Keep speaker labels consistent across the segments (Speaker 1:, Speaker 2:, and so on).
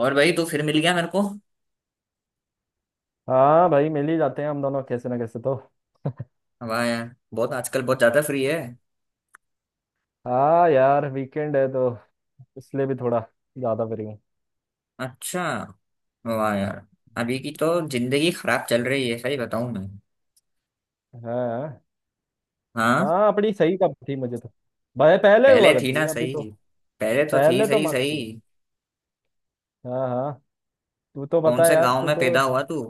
Speaker 1: और भाई तू फिर मिल गया मेरे को।
Speaker 2: हाँ भाई मिल ही जाते हैं हम दोनों कैसे ना कैसे तो।
Speaker 1: वाह यार, बहुत आजकल बहुत ज्यादा फ्री है।
Speaker 2: हाँ यार वीकेंड है तो इसलिए भी थोड़ा ज्यादा फ्री हूँ।
Speaker 1: अच्छा। वाह यार। अभी की तो जिंदगी खराब चल रही है, सही बताऊं मैं।
Speaker 2: हाँ
Speaker 1: हाँ।
Speaker 2: हाँ। अपनी सही कब थी मुझे तो। भाई पहले हुआ
Speaker 1: पहले थी
Speaker 2: करती है
Speaker 1: ना
Speaker 2: अभी तो।
Speaker 1: सही। पहले तो थी
Speaker 2: पहले तो
Speaker 1: सही
Speaker 2: मस्त थी।
Speaker 1: सही।
Speaker 2: हाँ हाँ। तू तो
Speaker 1: कौन
Speaker 2: बता
Speaker 1: से
Speaker 2: यार,
Speaker 1: गांव
Speaker 2: तू
Speaker 1: में
Speaker 2: तो।
Speaker 1: पैदा हुआ तू?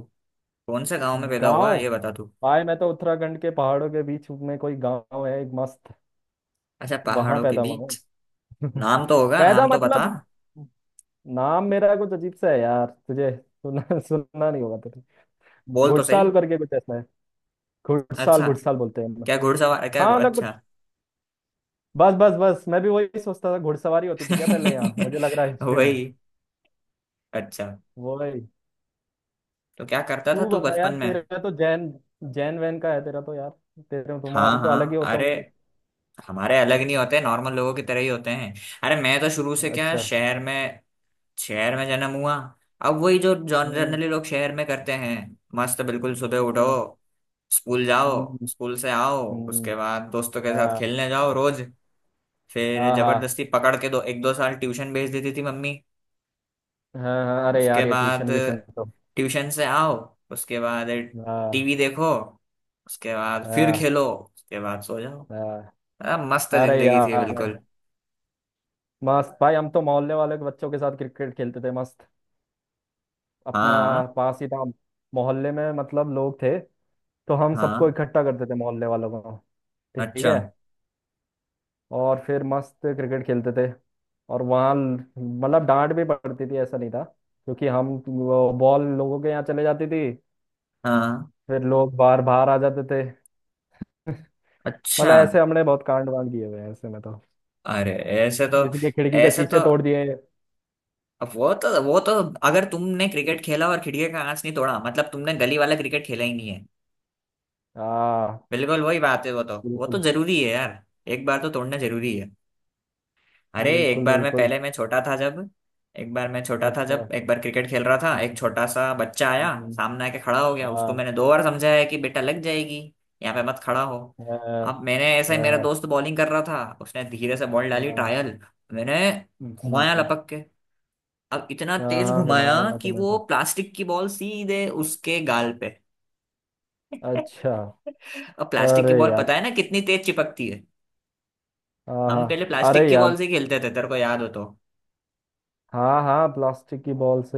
Speaker 1: कौन से गांव में पैदा हुआ
Speaker 2: गाँव।
Speaker 1: ये बता तू।
Speaker 2: भाई मैं तो उत्तराखंड के पहाड़ों के बीच में कोई गाँव है एक मस्त।
Speaker 1: अच्छा,
Speaker 2: वहां
Speaker 1: पहाड़ों के
Speaker 2: पैदा हुआ हूँ।
Speaker 1: बीच। नाम तो होगा,
Speaker 2: पैदा
Speaker 1: नाम तो बता।
Speaker 2: मतलब। नाम मेरा कुछ अजीब सा है यार तुझे सुनना सुनना नहीं होगा तुझे।
Speaker 1: बोल तो सही।
Speaker 2: घुड़साल करके कुछ ऐसा है। घुड़साल
Speaker 1: अच्छा,
Speaker 2: घुड़साल बोलते हैं हम।
Speaker 1: क्या घुड़सवार क्या,
Speaker 2: हाँ
Speaker 1: अच्छा।
Speaker 2: मतलब। बस बस बस मैं भी वही सोचता था घुड़सवारी होती थी क्या पहले यहाँ मुझे लग रहा है हिस्ट्री में।
Speaker 1: वही। अच्छा,
Speaker 2: वही।
Speaker 1: तो क्या करता था
Speaker 2: तू
Speaker 1: तू
Speaker 2: बता यार,
Speaker 1: बचपन में?
Speaker 2: तेरा तो जैन, जैन वैन का है तेरा तो यार। तेरे
Speaker 1: हाँ
Speaker 2: तुम्हारे तो अलग ही
Speaker 1: हाँ,
Speaker 2: होते
Speaker 1: अरे
Speaker 2: होंगे।
Speaker 1: हमारे अलग नहीं होते, नॉर्मल लोगों की तरह ही होते हैं। अरे मैं तो शुरू से क्या,
Speaker 2: अच्छा।
Speaker 1: शहर में। शहर में जन्म हुआ। अब वही जो
Speaker 2: हम्म।
Speaker 1: जनरली लोग शहर में करते हैं। मस्त बिल्कुल, सुबह उठो।
Speaker 2: हम्म।
Speaker 1: स्कूल जाओ।
Speaker 2: हम्म।
Speaker 1: स्कूल से आओ।
Speaker 2: हम्म।
Speaker 1: उसके बाद दोस्तों के साथ खेलने
Speaker 2: हाँ
Speaker 1: जाओ रोज। फिर
Speaker 2: हाँ हाँ
Speaker 1: जबरदस्ती पकड़ के दो, एक दो साल ट्यूशन भेज देती थी मम्मी।
Speaker 2: हाँ, हाँ, अरे
Speaker 1: उसके
Speaker 2: यार ये
Speaker 1: बाद
Speaker 2: ट्यूशन व्यूशन तो।
Speaker 1: ट्यूशन से आओ। उसके बाद
Speaker 2: हाँ
Speaker 1: टीवी देखो। उसके बाद फिर
Speaker 2: हाँ
Speaker 1: खेलो। उसके बाद सो जाओ।
Speaker 2: हाँ।
Speaker 1: मस्त
Speaker 2: अरे
Speaker 1: जिंदगी थी
Speaker 2: यार।
Speaker 1: बिल्कुल।
Speaker 2: मस्त भाई। हम तो मोहल्ले वाले के बच्चों के साथ क्रिकेट खेलते थे मस्त। अपना
Speaker 1: हाँ
Speaker 2: पास ही था। मोहल्ले में मतलब लोग थे तो हम सबको
Speaker 1: हाँ।
Speaker 2: इकट्ठा करते थे मोहल्ले वालों को। ठीक
Speaker 1: अच्छा।
Speaker 2: है। और फिर मस्त क्रिकेट खेलते थे। और वहाँ मतलब डांट भी पड़ती थी ऐसा नहीं था क्योंकि हम वो बॉल लोगों के यहाँ चले जाती थी।
Speaker 1: हाँ।
Speaker 2: फिर लोग बाहर बाहर आ जाते थे।
Speaker 1: अच्छा।
Speaker 2: मतलब ऐसे हमने बहुत कांड वांड किए हुए हैं ऐसे में तो।
Speaker 1: अरे ऐसे तो
Speaker 2: किसी के खिड़की के
Speaker 1: ऐसे तो
Speaker 2: शीशे तोड़ दिए।
Speaker 1: अब वो तो अगर तुमने क्रिकेट खेला और खिड़की का कांच नहीं तोड़ा, मतलब तुमने गली वाला क्रिकेट खेला ही नहीं है।
Speaker 2: हाँ।
Speaker 1: बिल्कुल वही बात है, वो तो
Speaker 2: बिल्कुल
Speaker 1: जरूरी है यार। एक बार तो तोड़ना जरूरी है। अरे एक
Speaker 2: बिल्कुल।
Speaker 1: बार, मैं
Speaker 2: बिल्कुल।
Speaker 1: पहले मैं छोटा था जब,
Speaker 2: अच्छा।
Speaker 1: एक बार क्रिकेट खेल रहा था, एक
Speaker 2: हम्म।
Speaker 1: छोटा सा बच्चा आया।
Speaker 2: हम्म। हम्म।
Speaker 1: सामने आके खड़ा हो गया, उसको
Speaker 2: हाँ
Speaker 1: मैंने दो बार समझाया कि बेटा लग जाएगी, यहाँ पे मत खड़ा हो।
Speaker 2: हाँ
Speaker 1: अब मैंने ऐसा
Speaker 2: हाँ
Speaker 1: ही, मेरा
Speaker 2: हाँ,
Speaker 1: दोस्त बॉलिंग कर रहा था, उसने धीरे से बॉल डाली
Speaker 2: हाँ।
Speaker 1: ट्रायल। मैंने घुमाया
Speaker 2: हम्म।
Speaker 1: लपक के। अब इतना
Speaker 2: हाँ
Speaker 1: तेज
Speaker 2: हाँ
Speaker 1: घुमाया
Speaker 2: घुमाया होगा
Speaker 1: कि
Speaker 2: तुम्हें
Speaker 1: वो
Speaker 2: तो।
Speaker 1: प्लास्टिक की बॉल सीधे उसके गाल पे।
Speaker 2: अच्छा।
Speaker 1: अब प्लास्टिक
Speaker 2: अरे
Speaker 1: की बॉल
Speaker 2: यार।
Speaker 1: पता है ना कितनी तेज चिपकती है।
Speaker 2: हाँ हाँ।
Speaker 1: हम पहले प्लास्टिक
Speaker 2: अरे
Speaker 1: की
Speaker 2: यार।
Speaker 1: बॉल से खेलते थे, तेरे को याद हो तो।
Speaker 2: हाँ हाँ प्लास्टिक की बॉल से।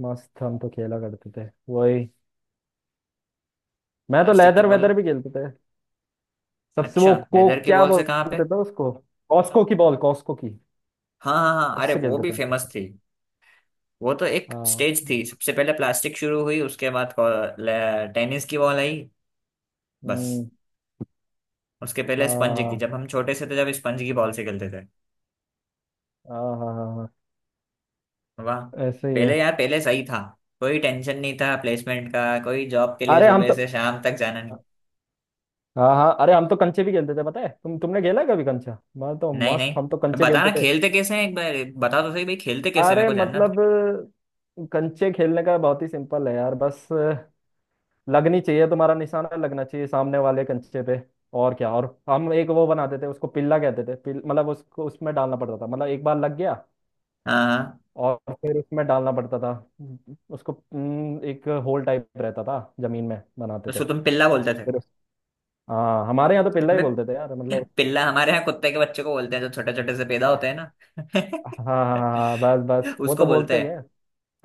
Speaker 2: मस्त हम तो खेला करते थे वही। मैं तो
Speaker 1: प्लास्टिक की
Speaker 2: लेदर
Speaker 1: बॉल।
Speaker 2: वेदर भी खेलते थे। सबसे वो
Speaker 1: अच्छा,
Speaker 2: को
Speaker 1: लेदर की
Speaker 2: क्या
Speaker 1: बॉल से कहाँ पे?
Speaker 2: बोलते थे उसको? कॉस्को की बॉल कॉस्को की।
Speaker 1: हाँ हाँ हाँ, अरे
Speaker 2: उससे
Speaker 1: वो
Speaker 2: खेलते
Speaker 1: भी
Speaker 2: थे हम तो।
Speaker 1: फेमस थी। वो तो एक
Speaker 2: हाँ।
Speaker 1: स्टेज थी, सबसे पहले प्लास्टिक शुरू हुई, उसके बाद को- ले- टेनिस की बॉल आई। बस।
Speaker 2: हम्म।
Speaker 1: उसके पहले स्पंज की,
Speaker 2: हाँ
Speaker 1: जब हम छोटे से थे जब स्पंज की बॉल से खेलते थे।
Speaker 2: हाँ हाँ हाँ हाँ,
Speaker 1: वाह।
Speaker 2: हाँ, ऐसे ही है।
Speaker 1: पहले यार, पहले सही था। कोई टेंशन नहीं था प्लेसमेंट का, कोई जॉब के लिए
Speaker 2: अरे हम
Speaker 1: सुबह
Speaker 2: तो।
Speaker 1: से शाम तक जाना नहीं।
Speaker 2: हाँ हाँ अरे हम तो कंचे भी खेलते थे पता है तुमने खेला है कभी कंचा? मैं तो
Speaker 1: नहीं
Speaker 2: मस्त हम तो
Speaker 1: नहीं,
Speaker 2: कंचे खेलते
Speaker 1: बताना
Speaker 2: थे।
Speaker 1: खेलते कैसे हैं एक बार। बता तो सही भाई, खेलते कैसे, मेरे
Speaker 2: अरे
Speaker 1: को जानना था।
Speaker 2: मतलब। कंचे खेलने का बहुत ही सिंपल है यार। बस लगनी चाहिए तुम्हारा निशाना लगना चाहिए सामने वाले कंचे पे। और क्या। और हम एक वो बनाते थे उसको पिल्ला कहते थे मतलब उसको उसमें डालना पड़ता था मतलब एक बार लग गया
Speaker 1: हाँ हाँ।
Speaker 2: और फिर उसमें डालना पड़ता था उसको। एक होल टाइप रहता था जमीन में बनाते थे।
Speaker 1: उसको तुम पिल्ला बोलते थे?
Speaker 2: फिर हाँ हमारे यहाँ तो पिल्ला ही
Speaker 1: मैं,
Speaker 2: बोलते थे यार मतलब।
Speaker 1: पिल्ला हमारे यहाँ कुत्ते के बच्चे को बोलते हैं, जो छोटे छोटे से पैदा होते हैं ना।
Speaker 2: हाँ हाँ हाँ, बस बस वो
Speaker 1: उसको
Speaker 2: तो
Speaker 1: बोलते
Speaker 2: बोलते ही
Speaker 1: हैं।
Speaker 2: है।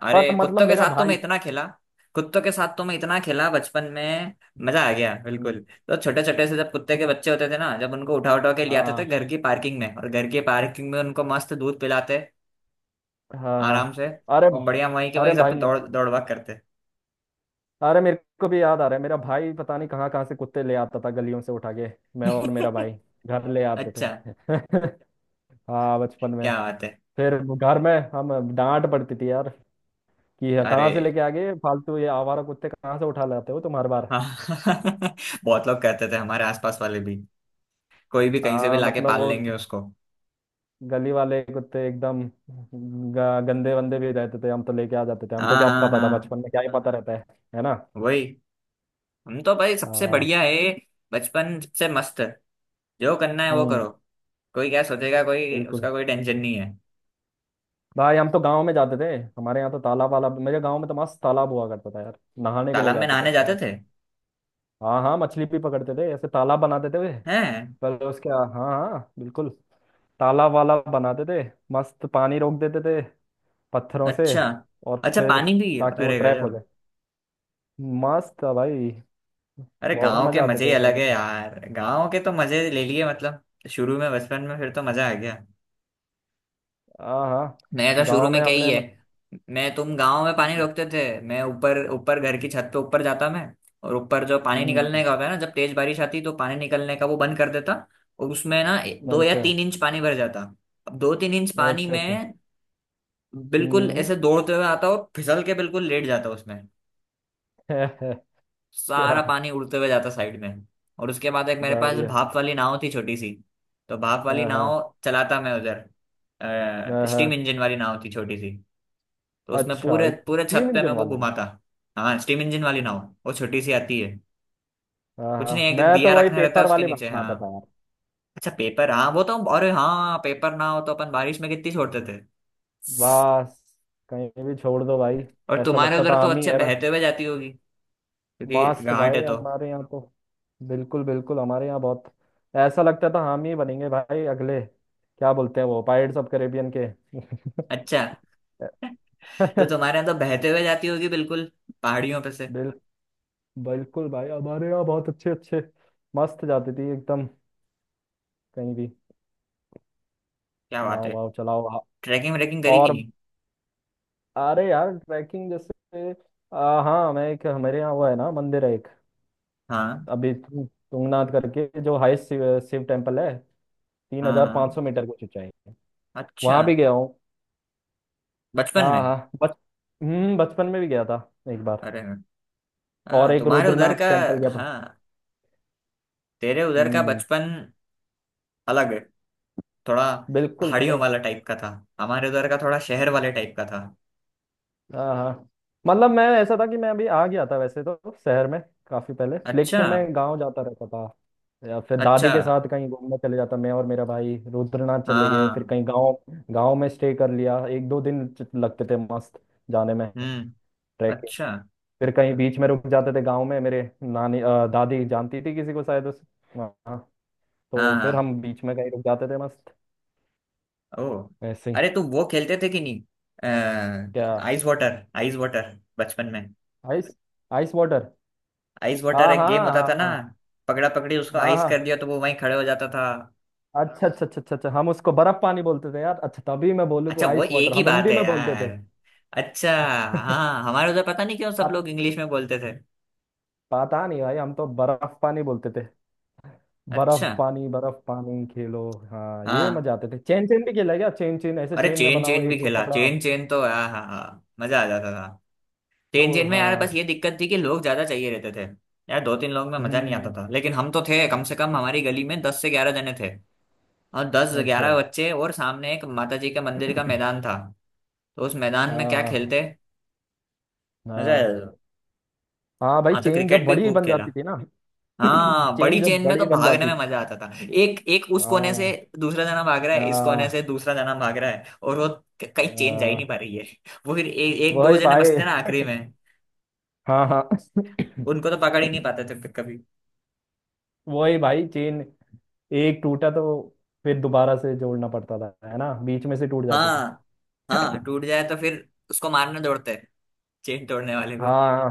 Speaker 1: अरे
Speaker 2: पर मतलब
Speaker 1: कुत्तों के
Speaker 2: मेरा
Speaker 1: साथ तो मैं
Speaker 2: भाई।
Speaker 1: इतना खेला। कुत्तों के साथ तो मैं इतना खेला बचपन में। मजा आ गया
Speaker 2: हम्म,
Speaker 1: बिल्कुल। तो छोटे छोटे से जब कुत्ते के बच्चे होते थे ना, जब उनको उठा उठा के ले आते थे
Speaker 2: हाँ
Speaker 1: घर की पार्किंग में, और घर की पार्किंग में उनको मस्त दूध पिलाते
Speaker 2: हाँ हाँ।
Speaker 1: आराम से।
Speaker 2: अरे।
Speaker 1: और बढ़िया, वहीं के
Speaker 2: अरे
Speaker 1: वहीं सब
Speaker 2: भाई मेरे।
Speaker 1: दौड़ दौड़ भाग करते।
Speaker 2: अरे मेरे को भी याद आ रहा है मेरा भाई पता नहीं कहाँ कहाँ से कुत्ते ले आता था गलियों से उठा के। मैं और मेरा भाई घर ले आते थे।
Speaker 1: अच्छा।
Speaker 2: हाँ बचपन में।
Speaker 1: क्या बात है।
Speaker 2: फिर घर में हम डांट पड़ती थी यार कि ये कहाँ
Speaker 1: अरे
Speaker 2: से लेके आ गए फालतू ये आवारा कुत्ते कहाँ से उठा लाते हो तुम हर बार।
Speaker 1: हाँ, बहुत लोग करते थे, हमारे आसपास वाले भी। कोई भी कहीं से भी लाके
Speaker 2: मतलब
Speaker 1: पाल
Speaker 2: वो
Speaker 1: लेंगे उसको।
Speaker 2: गली वाले कुत्ते एकदम गंदे वंदे भी रहते थे हम तो लेके आ जाते थे हमको
Speaker 1: हाँ
Speaker 2: क्या
Speaker 1: हाँ
Speaker 2: पता था
Speaker 1: हाँ,
Speaker 2: बचपन में क्या ही पता रहता है। है ना।
Speaker 1: वही। हम तो भाई सबसे
Speaker 2: हाँ।
Speaker 1: बढ़िया है, बचपन सबसे मस्त। जो करना है वो
Speaker 2: हम्म।
Speaker 1: करो। कोई क्या सोचेगा, कोई
Speaker 2: बिल्कुल
Speaker 1: उसका कोई टेंशन नहीं है।
Speaker 2: भाई हम तो गांव में जाते थे। हमारे यहाँ तो तालाब वालाब मेरे गांव में तो मस्त तालाब हुआ करता था यार। नहाने के लिए
Speaker 1: तालाब में
Speaker 2: जाते थे
Speaker 1: नहाने जाते
Speaker 2: मस्त।
Speaker 1: थे?
Speaker 2: हाँ हाँ मछली भी पकड़ते थे ऐसे तालाब बनाते थे वे।
Speaker 1: हैं?
Speaker 2: पहले उसके हाँ हाँ बिल्कुल। तालाब वाला बनाते थे। मस्त पानी रोक देते थे पत्थरों से।
Speaker 1: अच्छा।
Speaker 2: और
Speaker 1: अच्छा
Speaker 2: फिर
Speaker 1: पानी भी,
Speaker 2: ताकि वो
Speaker 1: अरे
Speaker 2: ट्रैप हो
Speaker 1: गजब।
Speaker 2: जाए। मस्त था भाई।
Speaker 1: अरे
Speaker 2: बहुत
Speaker 1: गांव के
Speaker 2: मजा आते
Speaker 1: मजे ही
Speaker 2: थे
Speaker 1: अलग
Speaker 2: पहले
Speaker 1: है
Speaker 2: तो।
Speaker 1: यार, गांव के तो मजे ले लिए मतलब। शुरू में बचपन में फिर तो मजा आ गया।
Speaker 2: हाँ हाँ।
Speaker 1: मैं तो शुरू
Speaker 2: गाँव में
Speaker 1: में क्या ही
Speaker 2: हमने
Speaker 1: है।
Speaker 2: मत...
Speaker 1: मैं, तुम गांव में पानी
Speaker 2: हम्म।
Speaker 1: रोकते थे, मैं ऊपर ऊपर घर की छत पे ऊपर जाता मैं। और ऊपर जो पानी निकलने
Speaker 2: हम्म,
Speaker 1: का होता है ना, जब तेज बारिश आती तो पानी निकलने का वो बंद कर देता। और उसमें ना दो या
Speaker 2: अच्छा
Speaker 1: तीन इंच पानी भर जाता। अब दो तीन इंच पानी
Speaker 2: अच्छा अच्छा।
Speaker 1: में बिल्कुल
Speaker 2: हम्म।
Speaker 1: ऐसे दौड़ते हुए आता, और फिसल के बिल्कुल लेट जाता उसमें।
Speaker 2: क्या?
Speaker 1: सारा पानी उड़ते हुए जाता साइड में। और उसके बाद एक मेरे पास
Speaker 2: बढ़िया।
Speaker 1: भाप वाली नाव थी छोटी सी। तो भाप वाली
Speaker 2: हाँ हाँ
Speaker 1: नाव चलाता मैं उधर।
Speaker 2: हाँ
Speaker 1: स्टीम
Speaker 2: हाँ।
Speaker 1: इंजन वाली नाव थी छोटी सी। तो उसमें
Speaker 2: अच्छा
Speaker 1: पूरे पूरे छत
Speaker 2: स्टीम
Speaker 1: पे मैं
Speaker 2: इंजन
Speaker 1: वो
Speaker 2: वाले भी।
Speaker 1: घुमाता। हाँ, स्टीम इंजन वाली नाव।
Speaker 2: हाँ।
Speaker 1: वो छोटी सी आती है।
Speaker 2: हाँ
Speaker 1: कुछ नहीं,
Speaker 2: हाँ
Speaker 1: एक
Speaker 2: मैं तो
Speaker 1: दिया
Speaker 2: वही
Speaker 1: रखना रहता
Speaker 2: पेपर
Speaker 1: है उसके
Speaker 2: वाले
Speaker 1: नीचे, हाँ।
Speaker 2: बनाता था यार।
Speaker 1: अच्छा पेपर, हाँ वो तो, अरे हाँ, पेपर ना हो तो अपन बारिश में कितनी छोड़ते थे।
Speaker 2: बस कहीं भी छोड़ दो भाई।
Speaker 1: और
Speaker 2: ऐसा
Speaker 1: तुम्हारे
Speaker 2: लगता
Speaker 1: उधर
Speaker 2: था
Speaker 1: तो
Speaker 2: हम ही
Speaker 1: अच्छे
Speaker 2: है बस।
Speaker 1: बहते हुए जाती होगी, क्योंकि
Speaker 2: मास्ट
Speaker 1: घाट
Speaker 2: भाई
Speaker 1: है तो।
Speaker 2: हमारे यहाँ तो। बिल्कुल बिल्कुल हमारे यहाँ बहुत ऐसा लगता था हम ही बनेंगे भाई अगले क्या बोलते हैं वो पायरेट्स ऑफ कैरेबियन के।
Speaker 1: अच्छा। तो तुम्हारे यहाँ तो बहते हुए जाती होगी बिल्कुल, पहाड़ियों पे से।
Speaker 2: बिल बिल्कुल भाई हमारे यहाँ बहुत अच्छे अच्छे। मस्त जाती थी एकदम। कहीं भी।
Speaker 1: क्या बात
Speaker 2: नाव
Speaker 1: है।
Speaker 2: वाव चलाओ।
Speaker 1: ट्रैकिंग व्रेकिंग करी कि
Speaker 2: और
Speaker 1: नहीं?
Speaker 2: अरे यार ट्रैकिंग जैसे। हाँ मैं एक हमारे यहाँ वो है ना मंदिर है एक।
Speaker 1: हाँ
Speaker 2: अभी तुंगनाथ करके जो हाईएस्ट शिव, शिव टेम्पल है। तीन
Speaker 1: हाँ
Speaker 2: हजार पाँच
Speaker 1: हाँ।
Speaker 2: सौ मीटर की ऊंचाई है।
Speaker 1: अच्छा।
Speaker 2: वहाँ भी गया हूँ।
Speaker 1: बचपन
Speaker 2: हाँ
Speaker 1: में?
Speaker 2: हाँ बच बचपन में भी गया था एक बार।
Speaker 1: अरे
Speaker 2: और
Speaker 1: हाँ,
Speaker 2: एक
Speaker 1: तुम्हारे उधर
Speaker 2: रुद्रनाथ
Speaker 1: का।
Speaker 2: टेम्पल गया था।
Speaker 1: हाँ, तेरे उधर का
Speaker 2: हम्म।
Speaker 1: बचपन अलग है थोड़ा।
Speaker 2: बिल्कुल
Speaker 1: पहाड़ियों
Speaker 2: भाई।
Speaker 1: वाला टाइप का था। हमारे उधर का थोड़ा शहर वाले टाइप का था।
Speaker 2: हाँ हाँ। मतलब मैं ऐसा था कि मैं अभी आ गया था वैसे तो शहर में काफी पहले
Speaker 1: अच्छा।
Speaker 2: लेकिन मैं गांव जाता रहता था। या फिर दादी
Speaker 1: अच्छा।
Speaker 2: के साथ कहीं घूमने चले जाता मैं और मेरा भाई रुद्रनाथ
Speaker 1: हाँ
Speaker 2: चले गए फिर
Speaker 1: हाँ,
Speaker 2: कहीं गांव। गांव में स्टे कर लिया एक दो दिन लगते थे मस्त जाने में।
Speaker 1: हम्म।
Speaker 2: ट्रैकिंग।
Speaker 1: अच्छा।
Speaker 2: फिर कहीं बीच में रुक जाते थे गांव में मेरे नानी दादी जानती थी किसी को शायद उस वहाँ।
Speaker 1: हाँ
Speaker 2: तो फिर
Speaker 1: हाँ।
Speaker 2: हम बीच में कहीं रुक जाते थे मस्त।
Speaker 1: ओ।
Speaker 2: ऐसे ही।
Speaker 1: अरे तुम वो खेलते थे कि नहीं,
Speaker 2: क्या?
Speaker 1: आइस वाटर आइस वाटर, बचपन में?
Speaker 2: Ice ice water.
Speaker 1: Ice water
Speaker 2: हाँ
Speaker 1: एक
Speaker 2: हाँ
Speaker 1: गेम होता
Speaker 2: हाँ
Speaker 1: था ना।
Speaker 2: हाँ
Speaker 1: पकड़ा पकड़ी, उसको
Speaker 2: हाँ
Speaker 1: आइस कर
Speaker 2: हाँ।
Speaker 1: दिया तो वो वहीं खड़े हो जाता था।
Speaker 2: अच्छा अच्छा अच्छा अच्छा अच्छा हम उसको बर्फ पानी बोलते थे यार। अच्छा तभी मैं बोलूँ तो
Speaker 1: अच्छा, वो
Speaker 2: आइस
Speaker 1: एक
Speaker 2: वाटर
Speaker 1: ही
Speaker 2: हम
Speaker 1: बात
Speaker 2: हिंदी
Speaker 1: है
Speaker 2: में बोलते
Speaker 1: यार। अच्छा।
Speaker 2: थे।
Speaker 1: हाँ, हमारे उधर पता नहीं क्यों सब लोग इंग्लिश में बोलते थे।
Speaker 2: पता नहीं भाई हम तो बर्फ पानी बोलते थे।
Speaker 1: अच्छा।
Speaker 2: बर्फ पानी खेलो। हाँ ये
Speaker 1: हाँ,
Speaker 2: मजा आते थे चेन चेन भी खेला है क्या? चेन चेन ऐसे
Speaker 1: अरे
Speaker 2: चेन में
Speaker 1: चेन
Speaker 2: बनाओ
Speaker 1: चेन भी
Speaker 2: एक को
Speaker 1: खेला,
Speaker 2: पकड़ा
Speaker 1: चेन चेन तो हाँ हाँ हाँ, मजा आ जाता था।
Speaker 2: जो।
Speaker 1: चेन चेन में यार, बस
Speaker 2: हाँ।
Speaker 1: ये दिक्कत थी कि लोग ज्यादा चाहिए रहते थे। यार दो तीन लोग में मजा नहीं आता
Speaker 2: हम्म।
Speaker 1: था, लेकिन हम तो थे कम से कम, हमारी गली में दस से ग्यारह जने थे। और दस
Speaker 2: अच्छा।
Speaker 1: ग्यारह बच्चे, और सामने एक माता जी के मंदिर का मैदान था। तो उस मैदान में क्या
Speaker 2: हाँ
Speaker 1: खेलते, मजा आया
Speaker 2: हाँ
Speaker 1: था।
Speaker 2: हाँ भाई
Speaker 1: हाँ तो
Speaker 2: चेन जब
Speaker 1: क्रिकेट भी
Speaker 2: बड़ी
Speaker 1: खूब
Speaker 2: बन
Speaker 1: खेला।
Speaker 2: जाती थी ना।
Speaker 1: हाँ,
Speaker 2: चेन
Speaker 1: बड़ी
Speaker 2: जब
Speaker 1: चेन में
Speaker 2: बड़ी
Speaker 1: तो
Speaker 2: बन
Speaker 1: भागने
Speaker 2: जाती।
Speaker 1: में मजा आता था। एक एक उस कोने से
Speaker 2: हाँ
Speaker 1: दूसरा जना भाग रहा है, इस कोने
Speaker 2: हाँ
Speaker 1: से दूसरा जना भाग रहा है, और वो क- कहीं चेन जा ही नहीं
Speaker 2: हाँ,
Speaker 1: पा रही है। वो फिर एक दो
Speaker 2: वही
Speaker 1: जने
Speaker 2: भाई।
Speaker 1: बचते ना आखिरी में।
Speaker 2: हाँ हाँ।
Speaker 1: उनको तो पकड़ ही नहीं पाते थे फिर कभी।
Speaker 2: वही भाई चेन एक टूटा तो फिर दोबारा से जोड़ना पड़ता था है ना बीच में से टूट जाती थी।
Speaker 1: हाँ हाँ, टूट जाए तो फिर उसको मारने दौड़ते हैं, चेन तोड़ने वाले को।
Speaker 2: हाँ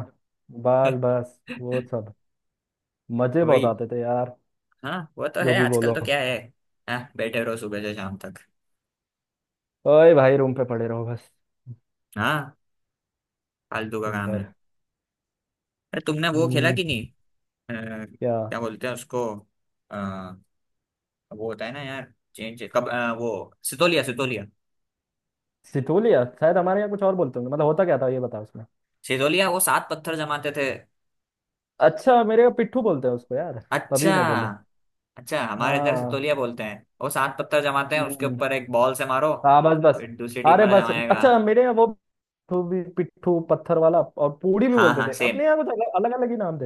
Speaker 2: बस बस वो सब मजे बहुत
Speaker 1: वही।
Speaker 2: आते थे यार।
Speaker 1: हाँ वो तो
Speaker 2: जो
Speaker 1: है,
Speaker 2: भी
Speaker 1: आजकल
Speaker 2: बोलो।
Speaker 1: तो क्या है। हाँ, बैठे रहो सुबह से शाम तक।
Speaker 2: ओए भाई रूम पे पड़े रहो बस
Speaker 1: हाँ, फालतू का
Speaker 2: दिन
Speaker 1: काम
Speaker 2: भर।
Speaker 1: है। अरे तुमने वो खेला
Speaker 2: हम्म।
Speaker 1: कि नहीं, अ,
Speaker 2: क्या?
Speaker 1: क्या बोलते हैं उसको, वो होता है ना यार, चेंज कब, वो सितोलिया सितोलिया।
Speaker 2: सिटोलिया शायद हमारे यहाँ कुछ और बोलते होंगे मतलब होता क्या था ये बताओ उसमें।
Speaker 1: सितोलिया, वो सात पत्थर जमाते थे।
Speaker 2: अच्छा मेरे यहाँ पिट्ठू बोलते हैं उसको यार। तभी
Speaker 1: अच्छा।
Speaker 2: मैं बोलूँ।
Speaker 1: अच्छा, हमारे इधर
Speaker 2: हाँ।
Speaker 1: सितोलिया बोलते हैं, वो सात पत्थर जमाते हैं, उसके
Speaker 2: हम्म।
Speaker 1: ऊपर एक बॉल से मारो।
Speaker 2: हाँ बस बस।
Speaker 1: फिर दूसरी टीम
Speaker 2: अरे
Speaker 1: वाला
Speaker 2: बस
Speaker 1: जमाएगा।
Speaker 2: अच्छा मेरे यहाँ वो पिट्ठू भी पिट्ठू पत्थर वाला और पूड़ी भी
Speaker 1: हाँ
Speaker 2: बोलते
Speaker 1: हाँ
Speaker 2: थे
Speaker 1: सेम,
Speaker 2: अपने यहाँ कुछ अलग अलग अलग ही नाम थे।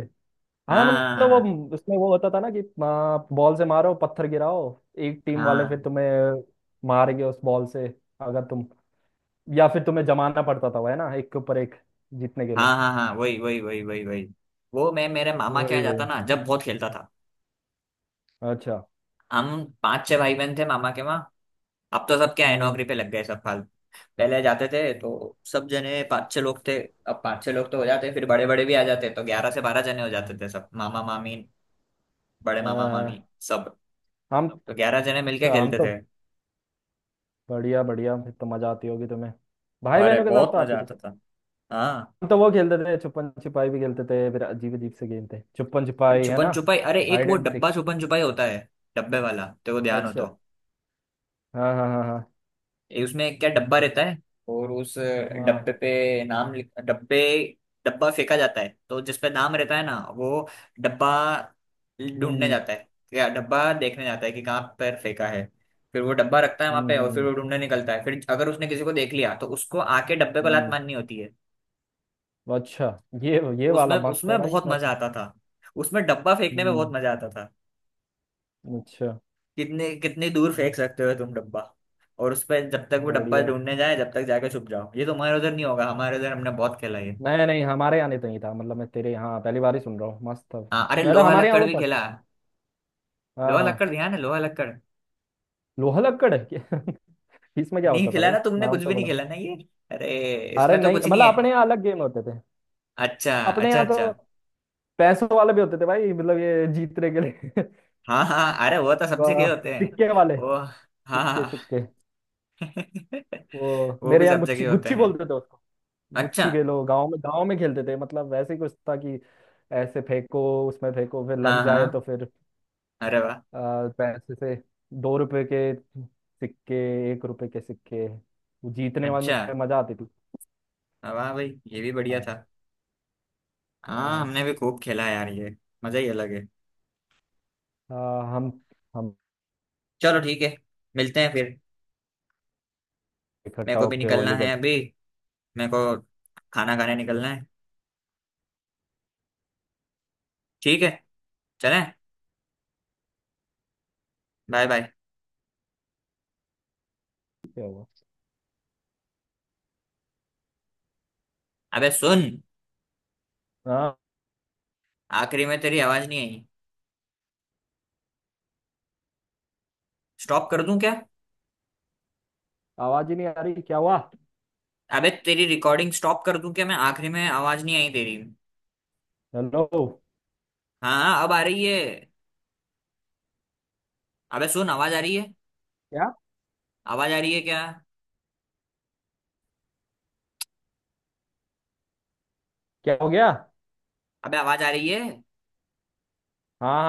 Speaker 2: हाँ
Speaker 1: हाँ हाँ
Speaker 2: मतलब वो
Speaker 1: हाँ,
Speaker 2: उसमें वो होता था ना कि हाँ, बॉल से मारो पत्थर गिराओ। एक टीम वाले फिर
Speaker 1: हाँ
Speaker 2: तुम्हें मारेंगे उस बॉल से। अगर तुम या फिर तुम्हें जमाना पड़ता था वो है ना एक के ऊपर एक जीतने के लिए।
Speaker 1: हाँ हाँ, हाँ, हाँ, वही वही वही वही वही। वो मैं मेरे मामा के
Speaker 2: वही
Speaker 1: यहाँ जाता
Speaker 2: वही।
Speaker 1: ना जब, बहुत खेलता था।
Speaker 2: अच्छा।
Speaker 1: हम पांच छह भाई बहन थे मामा के वहाँ। अब तो सब क्या है,
Speaker 2: हम्म।
Speaker 1: नौकरी पे लग गए सब फाल। पहले जाते थे तो सब जने पांच छह लोग थे। अब पांच छह लोग तो हो जाते, फिर बड़े बड़े भी आ जाते, तो ग्यारह से बारह जने हो जाते थे सब, मामा मामी, बड़े
Speaker 2: अ,
Speaker 1: मामा मामी सब।
Speaker 2: हम।
Speaker 1: तो ग्यारह जने मिलके
Speaker 2: अच्छा हम
Speaker 1: खेलते
Speaker 2: तो।
Speaker 1: थे।
Speaker 2: बढ़िया बढ़िया फिर तो मजा आती होगी तुम्हें भाई
Speaker 1: अरे
Speaker 2: बहनों के साथ
Speaker 1: बहुत
Speaker 2: तो आती
Speaker 1: मजा
Speaker 2: थी।
Speaker 1: आता था। हाँ।
Speaker 2: हम तो वो खेलते थे छुपन छिपाई भी खेलते थे फिर अजीब अजीब से गेम थे छुपन
Speaker 1: अरे
Speaker 2: छिपाई है ना?
Speaker 1: छुपन छुपाई, अरे एक
Speaker 2: हाइड
Speaker 1: वो
Speaker 2: एंड सीक।
Speaker 1: डब्बा छुपन छुपाई होता है, डब्बे वाला तो, वो ध्यान हो तो।
Speaker 2: अच्छा। हाँ हाँ हाँ हाँ
Speaker 1: ये उसमें क्या, डब्बा रहता है, और उस डब्बे
Speaker 2: हाँ।
Speaker 1: पे नाम लिख, डब्बे, डब्बा फेंका जाता है तो जिस पे नाम रहता है ना, वो डब्बा ढूंढने
Speaker 2: हम्म
Speaker 1: जाता है, या डब्बा देखने जाता है कि कहाँ पर फेंका है। फिर वो डब्बा रखता है वहां
Speaker 2: हम्म
Speaker 1: पे,
Speaker 2: हम्म
Speaker 1: और फिर
Speaker 2: हम्म,
Speaker 1: वो ढूंढने निकलता है, फिर अगर उसने किसी को देख लिया, तो उसको आके डब्बे को लात
Speaker 2: हम्म।
Speaker 1: मारनी होती है।
Speaker 2: अच्छा। ये ये वाला
Speaker 1: उसमें
Speaker 2: मस्त है
Speaker 1: उसमें
Speaker 2: भाई
Speaker 1: बहुत
Speaker 2: मैं।
Speaker 1: मजा आता था। उसमें डब्बा फेंकने में बहुत
Speaker 2: हम्म।
Speaker 1: मजा आता था।
Speaker 2: अच्छा।
Speaker 1: कितने, कितनी दूर फेंक
Speaker 2: हम्म,
Speaker 1: सकते हो तुम डब्बा। और उस पर जब तक वो डब्बा
Speaker 2: बढ़िया।
Speaker 1: ढूंढने जाए, जब तक जाके छुप जाओ। ये तुम्हारे उधर नहीं होगा, हमारे उधर हमने बहुत खेला ये।
Speaker 2: नहीं नहीं हमारे यहाँ नहीं तो नहीं था मतलब मैं तेरे यहाँ पहली बार ही सुन रहा हूँ मस्त था।
Speaker 1: हाँ अरे,
Speaker 2: मैं तो
Speaker 1: लोहा
Speaker 2: हमारे यहाँ
Speaker 1: लक्कड़
Speaker 2: वो
Speaker 1: भी
Speaker 2: था।
Speaker 1: खेला,
Speaker 2: हाँ
Speaker 1: लोहा
Speaker 2: हाँ।
Speaker 1: लक्कड़ ध्यान है? लोहा लक्कड़
Speaker 2: लोहा लक्कड़ है इसमें क्या
Speaker 1: नहीं
Speaker 2: होता था
Speaker 1: खेला
Speaker 2: भाई
Speaker 1: ना तुमने,
Speaker 2: नाम
Speaker 1: कुछ भी
Speaker 2: तो
Speaker 1: नहीं
Speaker 2: बड़ा।
Speaker 1: खेला ना ये। अरे
Speaker 2: अरे
Speaker 1: इसमें तो
Speaker 2: नहीं
Speaker 1: कुछ नहीं है।
Speaker 2: मतलब अपने यहाँ अलग गेम होते थे।
Speaker 1: अच्छा
Speaker 2: अपने
Speaker 1: अच्छा
Speaker 2: यहाँ
Speaker 1: अच्छा।
Speaker 2: तो पैसों वाले भी होते थे भाई मतलब ये जीतने के लिए।
Speaker 1: हाँ हाँ, अरे वो तो सब
Speaker 2: वाह,
Speaker 1: जगह होते हैं।
Speaker 2: सिक्के वाले।
Speaker 1: वो,
Speaker 2: सिक्के
Speaker 1: हाँ,
Speaker 2: सिक्के। वो
Speaker 1: वो
Speaker 2: मेरे
Speaker 1: भी
Speaker 2: यहाँ
Speaker 1: सब
Speaker 2: गुच्ची
Speaker 1: जगह होते
Speaker 2: गुच्ची
Speaker 1: हैं।
Speaker 2: बोलते थे उसको।
Speaker 1: अच्छा।
Speaker 2: गुच्छी खेलो गांव में खेलते थे मतलब वैसे ही कुछ था कि ऐसे फेंको उसमें फेंको फिर लग
Speaker 1: हाँ
Speaker 2: जाए तो
Speaker 1: हाँ।
Speaker 2: फिर
Speaker 1: अरे वाह।
Speaker 2: पैसे से। 2 रुपए के सिक्के। 1 रुपए के सिक्के वो जीतने वाले
Speaker 1: अच्छा।
Speaker 2: में मजा आती थी।
Speaker 1: हाँ, वाह भाई, ये भी बढ़िया
Speaker 2: हाँ
Speaker 1: था। हाँ,
Speaker 2: हाँ
Speaker 1: हमने भी खूब खेला यार ये। मजा ही अलग है।
Speaker 2: हाँ, हम
Speaker 1: चलो ठीक है, मिलते हैं फिर। मेरे
Speaker 2: इकट्ठा
Speaker 1: को भी
Speaker 2: होके
Speaker 1: निकलना
Speaker 2: होली का।
Speaker 1: है अभी। मेरे को खाना खाने निकलना है। ठीक है। चले। Bye bye.
Speaker 2: क्या हुआ?
Speaker 1: अबे सुन,
Speaker 2: हाँ
Speaker 1: आखिरी में तेरी आवाज नहीं आई, स्टॉप कर दूं क्या?
Speaker 2: आवाज ही नहीं आ रही क्या हुआ?
Speaker 1: अबे तेरी रिकॉर्डिंग स्टॉप कर दूं क्या, मैं, आखिरी में आवाज नहीं आई तेरी।
Speaker 2: हेलो।
Speaker 1: हाँ, अब आ रही है। अबे सुन, आवाज आ रही है?
Speaker 2: क्या?
Speaker 1: आवाज आ रही है क्या?
Speaker 2: क्या हो गया?
Speaker 1: अबे आवाज आ रही है।
Speaker 2: हाँ।